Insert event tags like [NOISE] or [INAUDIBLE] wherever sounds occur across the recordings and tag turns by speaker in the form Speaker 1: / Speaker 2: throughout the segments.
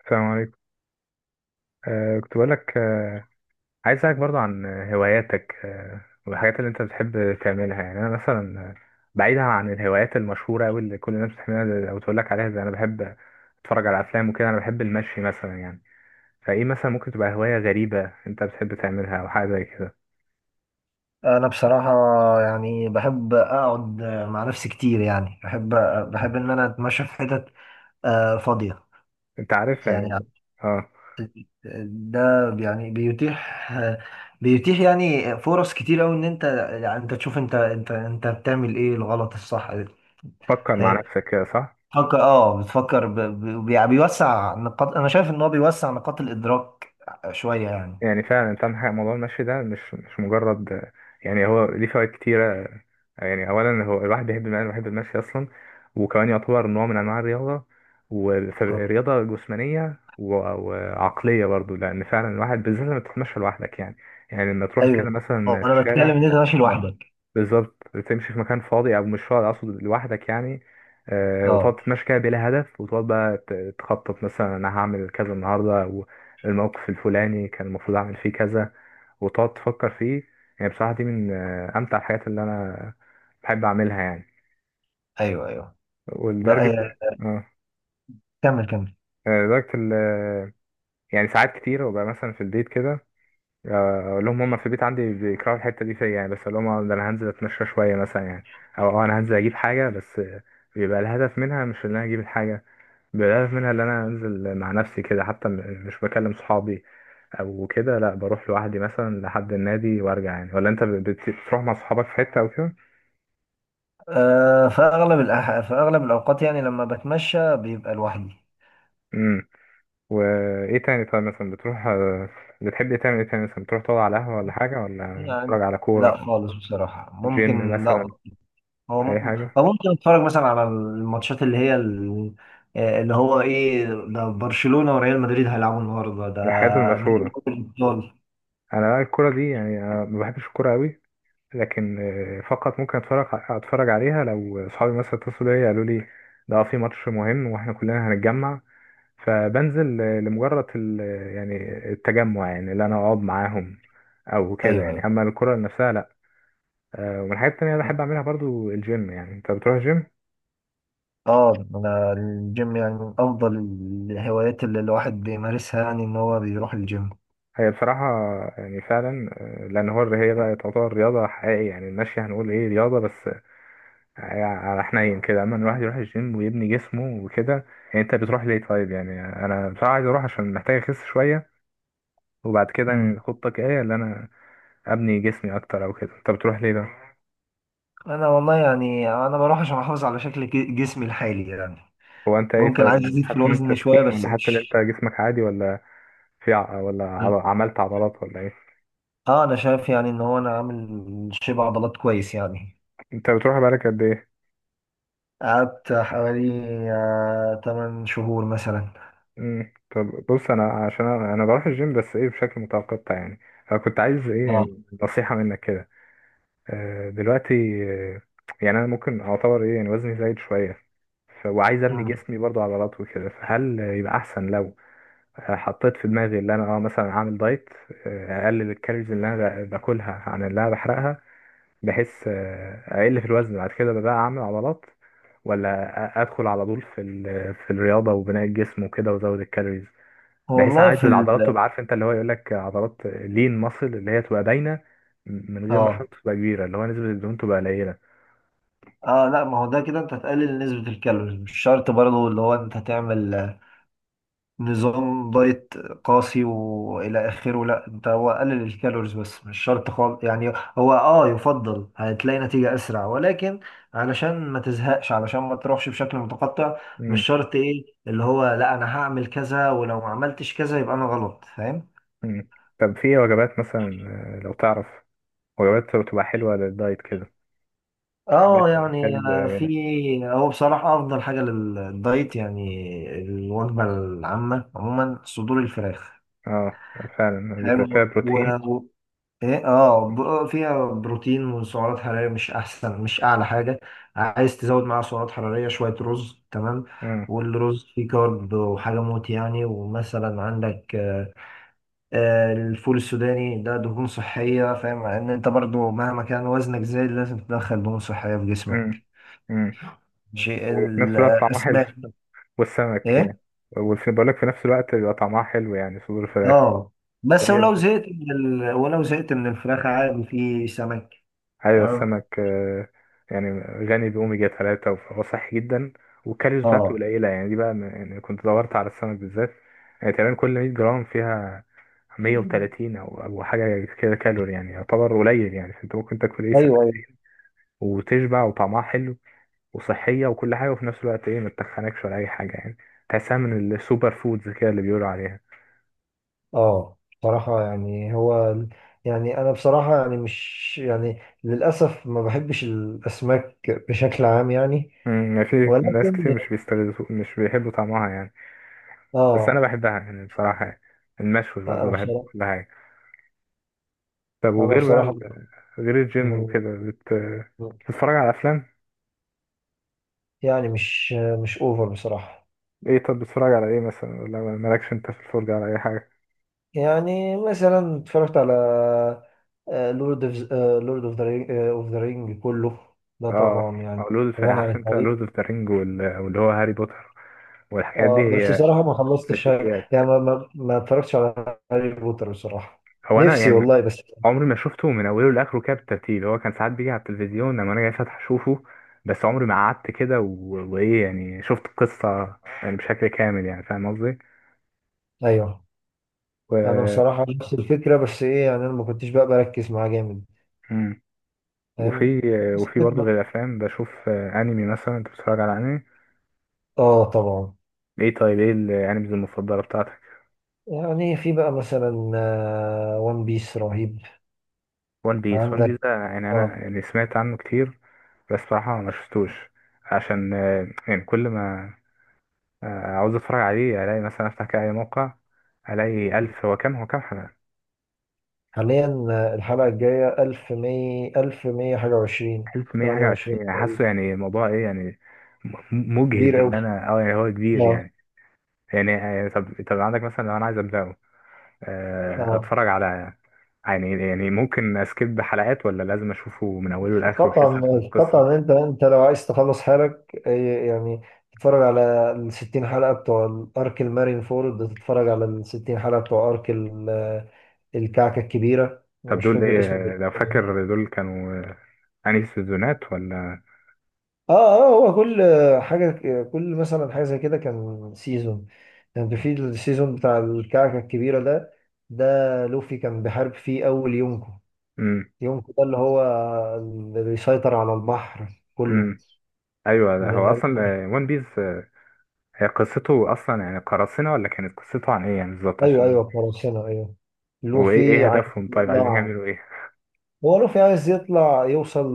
Speaker 1: السلام عليكم. كنت بقولك عايز اسألك برضو عن هواياتك، والحاجات اللي انت بتحب تعملها. يعني انا مثلا بعيدا عن الهوايات المشهورة أوي اللي كل الناس بتحبها او تقولك عليها، زي انا بحب اتفرج على افلام وكده، انا بحب المشي مثلا يعني. فايه مثلا ممكن تبقى هواية غريبة انت بتحب تعملها او حاجة زي كده؟
Speaker 2: انا بصراحه يعني بحب اقعد مع نفسي كتير يعني بحب ان انا اتمشى في حتت فاضيه.
Speaker 1: انت عارف
Speaker 2: يعني
Speaker 1: يعني. اه.
Speaker 2: ده يعني بيتيح يعني فرص كتير قوي ان انت يعني انت تشوف انت بتعمل ايه الغلط الصح.
Speaker 1: فكر مع نفسك كده، صح.
Speaker 2: تفكر، اه بتفكر بيوسع نقاط، انا شايف ان هو بيوسع نقاط الادراك شويه يعني.
Speaker 1: يعني فعلا انت عندك حق، موضوع المشي ده مش مجرد، يعني هو ليه فوائد كتيرة. يعني اولا هو الواحد بيحب المشي، اصلا، وكمان يعتبر نوع من انواع الرياضه،
Speaker 2: آه.
Speaker 1: ورياضه جسمانيه و- وعقليه برضو، لان فعلا الواحد بالذات لما تتمشى لوحدك يعني يعني لما تروح
Speaker 2: ايوه،
Speaker 1: كده
Speaker 2: هو
Speaker 1: مثلا في
Speaker 2: انا بتكلم
Speaker 1: الشارع،
Speaker 2: ان انت ماشي
Speaker 1: اه،
Speaker 2: لوحدك.
Speaker 1: بالظبط. تمشي في مكان فاضي او مش فاضي، اقصد لوحدك يعني، وتقعد
Speaker 2: اه
Speaker 1: تتمشى كده بلا هدف، وتقعد بقى تخطط مثلا، انا هعمل كذا النهارده، والموقف الفلاني كان المفروض اعمل فيه كذا، وتقعد تفكر فيه. يعني بصراحة دي من أمتع الحاجات اللي أنا بحب أعملها يعني.
Speaker 2: ايوه ايوه. لا،
Speaker 1: ولدرجة اه
Speaker 2: كمل كمل.
Speaker 1: آه، لدرجة ال آه، يعني ساعات كتير ببقى مثلا في البيت كده، أقول لهم، هما في البيت عندي بيكرهوا الحتة دي فيا يعني، بس أقول لهم ده أنا هنزل أتمشى شوية مثلا يعني، أو أنا هنزل أجيب حاجة، بس بيبقى الهدف منها مش إن أنا أجيب الحاجة، بيبقى الهدف منها إن أنا أنزل مع نفسي كده، حتى مش بكلم صحابي أو كده، لأ بروح لوحدي مثلا لحد النادي وأرجع يعني. ولا أنت بتروح مع صحابك في حتة أو كده؟
Speaker 2: في في أغلب الأوقات يعني لما بتمشى بيبقى لوحدي.
Speaker 1: وايه تاني طيب؟ مثلا بتروح، بتحب إيه، تعمل ايه تاني؟ مثلا بتروح تقعد على قهوة ولا حاجة، ولا
Speaker 2: يعني
Speaker 1: بتتفرج على كورة،
Speaker 2: لا خالص بصراحة،
Speaker 1: جيم
Speaker 2: ممكن لا.
Speaker 1: مثلا، أي حاجة
Speaker 2: هو ممكن أتفرج مثلا على الماتشات اللي هو إيه ده، برشلونة وريال مدريد هيلعبوا النهاردة ده
Speaker 1: من الحاجات
Speaker 2: نهائي
Speaker 1: المشهورة؟
Speaker 2: دوري الأبطال.
Speaker 1: أنا بقى الكورة دي، يعني أنا ما بحبش الكورة أوي، لكن فقط ممكن أتفرج عليها لو أصحابي مثلا اتصلوا بيا قالوا لي ده في ماتش مهم وإحنا كلنا هنتجمع، فبنزل لمجرد يعني التجمع، يعني اللي أنا أقعد معاهم أو كده
Speaker 2: أيوه
Speaker 1: يعني،
Speaker 2: أيوه.
Speaker 1: أما الكورة نفسها لأ. ومن الحاجات التانية اللي بحب أعملها برضو الجيم. يعني أنت بتروح جيم؟
Speaker 2: اه انا الجيم يعني من افضل الهوايات اللي الواحد بيمارسها، يعني ان هو بيروح الجيم.
Speaker 1: هي بصراحة، يعني فعلا، لأن هو هي بقى تعتبر رياضة حقيقية، يعني المشي هنقول إيه، رياضة بس على حنين كده، أما الواحد يروح الجيم ويبني جسمه وكده يعني. أنت بتروح ليه طيب يعني؟ أنا بصراحة عايز أروح عشان محتاج أخس شوية. وبعد كده يعني
Speaker 2: مم.
Speaker 1: خطتك إيه، اللي أنا أبني جسمي أكتر أو كده؟ أنت بتروح ليه ده؟
Speaker 2: انا والله يعني انا بروح عشان احافظ على شكل جسمي الحالي يعني.
Speaker 1: هو أنت إيه
Speaker 2: ممكن عايز
Speaker 1: طيب،
Speaker 2: ازيد في
Speaker 1: حاسس إن أنت
Speaker 2: الوزن شويه
Speaker 1: تخين
Speaker 2: بس
Speaker 1: ولا حاسس إن أنت
Speaker 2: مش.
Speaker 1: جسمك عادي، ولا في ولا عملت عضلات ولا إيه؟
Speaker 2: اه انا شايف يعني ان هو انا عامل شبه عضلات كويس يعني.
Speaker 1: أنت بتروح بقالك قد إيه؟
Speaker 2: قعدت حوالي آه 8 شهور مثلا.
Speaker 1: مم. طب بص انا، عشان أنا بروح الجيم بس ايه بشكل متقطع يعني، فكنت عايز ايه
Speaker 2: اه.
Speaker 1: يعني نصيحة منك كده. دلوقتي آه، يعني انا ممكن اعتبر ايه، يعني وزني زايد شوية، وعايز ابني
Speaker 2: مم.
Speaker 1: جسمي برضو عضلات وكده، فهل يبقى احسن لو حطيت في دماغي ان انا مثلا اعمل دايت، اقلل الكالوريز اللي انا باكلها عن اللي انا بحرقها، بحيث اقل في الوزن، بعد كده بقى اعمل عضلات، ولا ادخل على طول في في الرياضة وبناء الجسم وكده، وازود الكالوريز، بحيث
Speaker 2: والله
Speaker 1: عايز
Speaker 2: في
Speaker 1: العضلات
Speaker 2: ال،
Speaker 1: تبقى، عارف انت اللي هو يقول لك عضلات لين ماسل، اللي هي تبقى باينه من غير ما
Speaker 2: اه
Speaker 1: الشنطه تبقى كبيره، اللي هو نسبه الدهون تبقى قليله.
Speaker 2: اه لا، ما هو ده كده انت هتقلل نسبة الكالوريز، مش شرط برضه اللي هو انت تعمل نظام دايت قاسي والى اخره. لا انت هو قلل الكالوريز بس مش شرط خالص يعني. هو اه يفضل هتلاقي نتيجة اسرع ولكن علشان ما تزهقش، علشان ما تروحش بشكل متقطع، مش
Speaker 1: امم.
Speaker 2: شرط ايه اللي هو لا انا هعمل كذا ولو ما عملتش كذا يبقى انا غلط، فاهم.
Speaker 1: امم. طب في ايه وجبات مثلا، لو تعرف وجبات بتبقى حلوه للدايت كده؟ حاجات
Speaker 2: اه يعني
Speaker 1: كالب قليله.
Speaker 2: في، هو بصراحة افضل حاجة للدايت يعني الوجبة العامة عموما صدور الفراخ.
Speaker 1: اه، فعلا بتبقى فيها
Speaker 2: فاهم.
Speaker 1: بروتين.
Speaker 2: فيها بروتين وسعرات حرارية، مش احسن، مش اعلى حاجة. عايز تزود معاها سعرات حرارية شوية، رز تمام.
Speaker 1: امم.
Speaker 2: والرز فيه كارب وحاجة موت يعني، ومثلا عندك الفول السوداني ده دهون صحية، فاهم، ان انت برضو مهما كان وزنك زايد لازم تدخل دهون صحية في جسمك.
Speaker 1: امم. امم.
Speaker 2: شيء
Speaker 1: وفي نفس الوقت طعمها حلو،
Speaker 2: الاسماك.
Speaker 1: والسمك يعني.
Speaker 2: ايه
Speaker 1: وفي بقول لك، في نفس الوقت بيبقى طعمها حلو يعني، صدور الفراخ.
Speaker 2: اه. بس ولو زهقت من الفراخ عادي في سمك.
Speaker 1: ايوه،
Speaker 2: تمام.
Speaker 1: السمك يعني غني باوميجا 3 فهو صحي جدا، والكالوريز بتاعته
Speaker 2: اه
Speaker 1: قليله يعني، دي بقى يعني كنت دورت على السمك بالذات. يعني تقريبا كل 100 جرام فيها 130 او حاجه كده كالوري، يعني يعتبر قليل يعني. فانت ممكن تاكل ايه،
Speaker 2: ايوه أيوه.
Speaker 1: سمكتين وتشبع، وطعمها حلو وصحيه وكل حاجه، وفي نفس الوقت ايه، ما تتخنكش ولا اي حاجه يعني. تحسها من السوبر فودز كده اللي بيقولوا عليها.
Speaker 2: اه بصراحة يعني هو، يعني أنا بصراحة يعني مش يعني للأسف ما بحبش الأسماك بشكل عام يعني.
Speaker 1: امم. يعني في ناس كتير
Speaker 2: ولكن
Speaker 1: مش بيحبوا طعمها يعني، بس انا
Speaker 2: اه.
Speaker 1: بحبها يعني بصراحه يعني. المشوي برضه
Speaker 2: أنا
Speaker 1: بحب
Speaker 2: بصراحة
Speaker 1: كل حاجه. طب
Speaker 2: أنا
Speaker 1: وغير بقى،
Speaker 2: بصراحة
Speaker 1: غير الجيم
Speaker 2: من-
Speaker 1: وكده بتتفرج على افلام.
Speaker 2: يعني مش أوفر بصراحة.
Speaker 1: ايه طب، بتتفرج على ايه مثلا، ولا مالكش انت في الفرجة على اي حاجة؟
Speaker 2: يعني مثلا اتفرجت على لورد اوف لورد اوف ذا رينج كله. ده
Speaker 1: اه،
Speaker 2: طبعا يعني
Speaker 1: أو لود في،
Speaker 2: غني عن
Speaker 1: عارف انت
Speaker 2: التعريف.
Speaker 1: لود اوف ذا رينج واللي هو هاري بوتر والحاجات دي،
Speaker 2: اه بس
Speaker 1: هي
Speaker 2: بصراحة ما خلصتش يعني.
Speaker 1: كلاسيكيات.
Speaker 2: ما اتفرجتش على هاري بوتر بصراحة.
Speaker 1: هو انا
Speaker 2: نفسي
Speaker 1: يعني
Speaker 2: والله بس.
Speaker 1: عمري ما شفته من اوله لاخره كده بالترتيب، هو كان ساعات بيجي على التلفزيون لما انا جاي فاتح اشوفه، بس عمري ما قعدت كده وايه يعني، شفت القصة يعني بشكل كامل يعني، فاهم قصدي؟
Speaker 2: ايوه، انا
Speaker 1: و...
Speaker 2: بصراحة نفس الفكرة بس ايه يعني، انا ما كنتش بقى بركز معاه جامد،
Speaker 1: مم.
Speaker 2: فاهم.
Speaker 1: وفي
Speaker 2: بس
Speaker 1: وفي برضه،
Speaker 2: الفكرة.
Speaker 1: غير الافلام بشوف انمي مثلا. انت بتتفرج على انمي؟
Speaker 2: اه طبعا.
Speaker 1: ايه طيب، ايه الانميز المفضله بتاعتك؟
Speaker 2: يعني في بقى مثلا وان بيس رهيب.
Speaker 1: وان بيس. وان
Speaker 2: عندك
Speaker 1: بيس ده يعني
Speaker 2: اه.
Speaker 1: انا، يعني سمعت عنه كتير، بس بصراحه ما شفتوش عشان يعني كل ما عاوز اتفرج عليه الاقي مثلا افتح كده اي موقع، الاقي الف، هو كام حلقه.
Speaker 2: حاليا الحلقة الجاية 1100، 1100 حاجة وعشرين،
Speaker 1: 1100 حاجه
Speaker 2: 28
Speaker 1: وعشرين، يعني حاسه
Speaker 2: تقريبا.
Speaker 1: يعني، موضوع ايه يعني، مجهد
Speaker 2: كبير
Speaker 1: ان
Speaker 2: أوي.
Speaker 1: انا، يعني هو كبير
Speaker 2: اه
Speaker 1: يعني. يعني يعني، طب عندك مثلا لو انا عايز ابداه،
Speaker 2: اه
Speaker 1: اتفرج على، يعني ممكن اسكيب حلقات ولا لازم اشوفه من اوله لاخره بحيث افهم
Speaker 2: طبعا
Speaker 1: القصه؟
Speaker 2: طبعا، انت لو عايز تخلص حالك يعني تتفرج على ال 60 حلقه بتوع الارك المارين فورد، تتفرج على ال 60 حلقه بتوع الكعكه الكبيره، انا
Speaker 1: طب
Speaker 2: مش
Speaker 1: دول
Speaker 2: فاكر اسمه
Speaker 1: ايه لو
Speaker 2: بالظبط.
Speaker 1: فاكر، دول كانوا انهي سيزونات ولا؟
Speaker 2: اه اه هو كل حاجه، كل مثلا حاجه زي كده كان سيزون. يعني في السيزون بتاع الكعكه الكبيره ده، ده لوفي كان بيحارب فيه اول يونكو.
Speaker 1: امم.
Speaker 2: يونكو ده اللي هو اللي بيسيطر على البحر كله.
Speaker 1: امم. ايوه، ده
Speaker 2: من
Speaker 1: هو اصلا
Speaker 2: أول،
Speaker 1: ون بيس. هي قصته اصلا يعني قراصنه، ولا كانت قصته عن ايه يعني بالظبط
Speaker 2: ايوه ايوه
Speaker 1: عشان؟
Speaker 2: قراصنة ايوه. لوفي
Speaker 1: ايه
Speaker 2: عايز
Speaker 1: هدفهم طيب، عايزين
Speaker 2: يطلع،
Speaker 1: يعملوا ايه؟
Speaker 2: هو لوفي عايز يطلع يوصل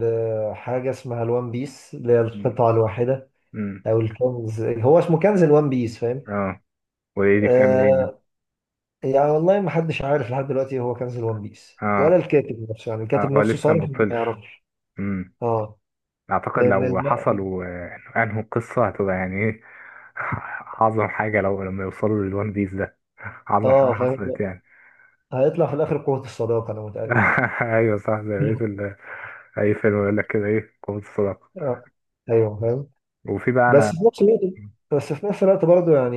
Speaker 2: لحاجة اسمها الوان بيس اللي هي
Speaker 1: امم.
Speaker 2: القطعة الواحدة،
Speaker 1: امم.
Speaker 2: او الكنز، هو اسمه كنز الوان بيس، فاهم.
Speaker 1: اه، وايه دي بتعمل ايه يعني؟
Speaker 2: آه، يعني والله ما حدش عارف لحد دلوقتي هو كنز الوان بيس، ولا
Speaker 1: اه.
Speaker 2: الكاتب نفسه، يعني
Speaker 1: اه،
Speaker 2: الكاتب
Speaker 1: هو
Speaker 2: نفسه
Speaker 1: لسه ما
Speaker 2: صارف ما
Speaker 1: وصلش.
Speaker 2: يعرفش. اه
Speaker 1: اعتقد
Speaker 2: لان
Speaker 1: لو
Speaker 2: الم...
Speaker 1: حصل وانهوا القصه هتبقى يعني ايه. [LAUGHS] اعظم حاجه لو لما يوصلوا للوان بيس ده، [LAUGHS] اعظم حاجه
Speaker 2: اه
Speaker 1: حصلت
Speaker 2: فاهم.
Speaker 1: يعني.
Speaker 2: هيطلع في الاخر قوة الصداقة انا متأكد.
Speaker 1: [LAUGHS] ايوه صح، زي بقية
Speaker 2: [LAUGHS]
Speaker 1: اي فيلم يقول لك كده ايه، قوه الصداقه.
Speaker 2: اه ايوه فاهم.
Speaker 1: وفي بقى انا،
Speaker 2: بس في نفس الوقت بس في نفس الوقت برضه يعني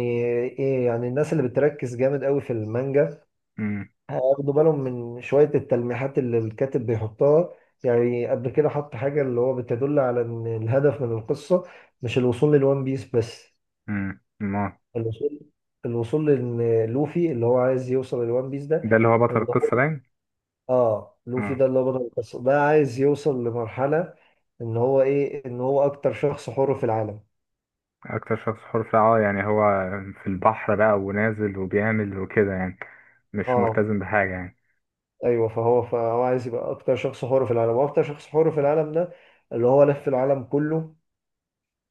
Speaker 2: ايه، يعني الناس اللي بتركز جامد قوي في المانجا
Speaker 1: امم
Speaker 2: هياخدوا بالهم من شوية التلميحات اللي الكاتب بيحطها. يعني قبل كده حط حاجة اللي هو بتدل على ان الهدف من القصة مش الوصول للوان بيس بس.
Speaker 1: ما
Speaker 2: الوصول الوصول لان لوفي اللي هو عايز يوصل للوان بيس ده،
Speaker 1: ده اللي هو بطل
Speaker 2: ان هو
Speaker 1: القصه باين.
Speaker 2: اه، لوفي
Speaker 1: امم.
Speaker 2: ده اللي هو بطل القصة، ده عايز يوصل لمرحلة ان هو ايه، ان هو اكتر شخص حر في العالم.
Speaker 1: اكتر شخص حر في، يعني هو في البحر بقى ونازل وبيعمل وكده يعني، مش
Speaker 2: اه
Speaker 1: ملتزم بحاجه يعني
Speaker 2: ايوه، فهو عايز يبقى اكتر شخص حر في العالم، واكتر شخص حر في العالم ده اللي هو لف العالم كله،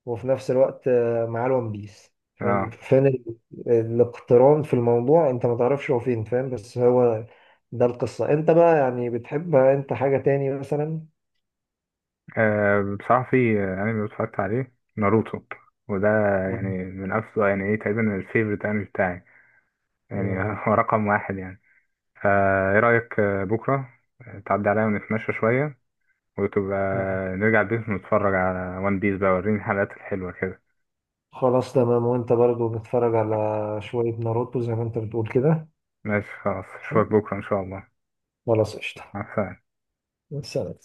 Speaker 2: وفي نفس الوقت معاه الون بيس، فاهم
Speaker 1: آه.
Speaker 2: فين الاقتران في الموضوع. انت ما تعرفش هو فين، فاهم، بس هو ده القصة. انت بقى يعني بتحب انت حاجة تاني مثلا؟
Speaker 1: أه، بصراحة في أنمي اتفرجت عليه، ناروتو. وده يعني
Speaker 2: مم.
Speaker 1: من أفضل، يعني إيه تقريبا الفيفوريت أنمي بتاعي، يعني
Speaker 2: مم.
Speaker 1: [LAUGHS] هو رقم واحد يعني. إيه رأيك، بكرة تعدي عليا ونتمشى شوية، وتبقى
Speaker 2: مم.
Speaker 1: نرجع البيت ونتفرج على ون بيس بقى، وريني الحلقات الحلوة كده.
Speaker 2: خلاص تمام، وانت برضو بتتفرج على شوية ناروتو زي ما انت بتقول كده.
Speaker 1: ماشي خلاص، أشوفك بكرة إن شاء الله.
Speaker 2: خلاص قشطة.
Speaker 1: مع السلامة.
Speaker 2: سلام.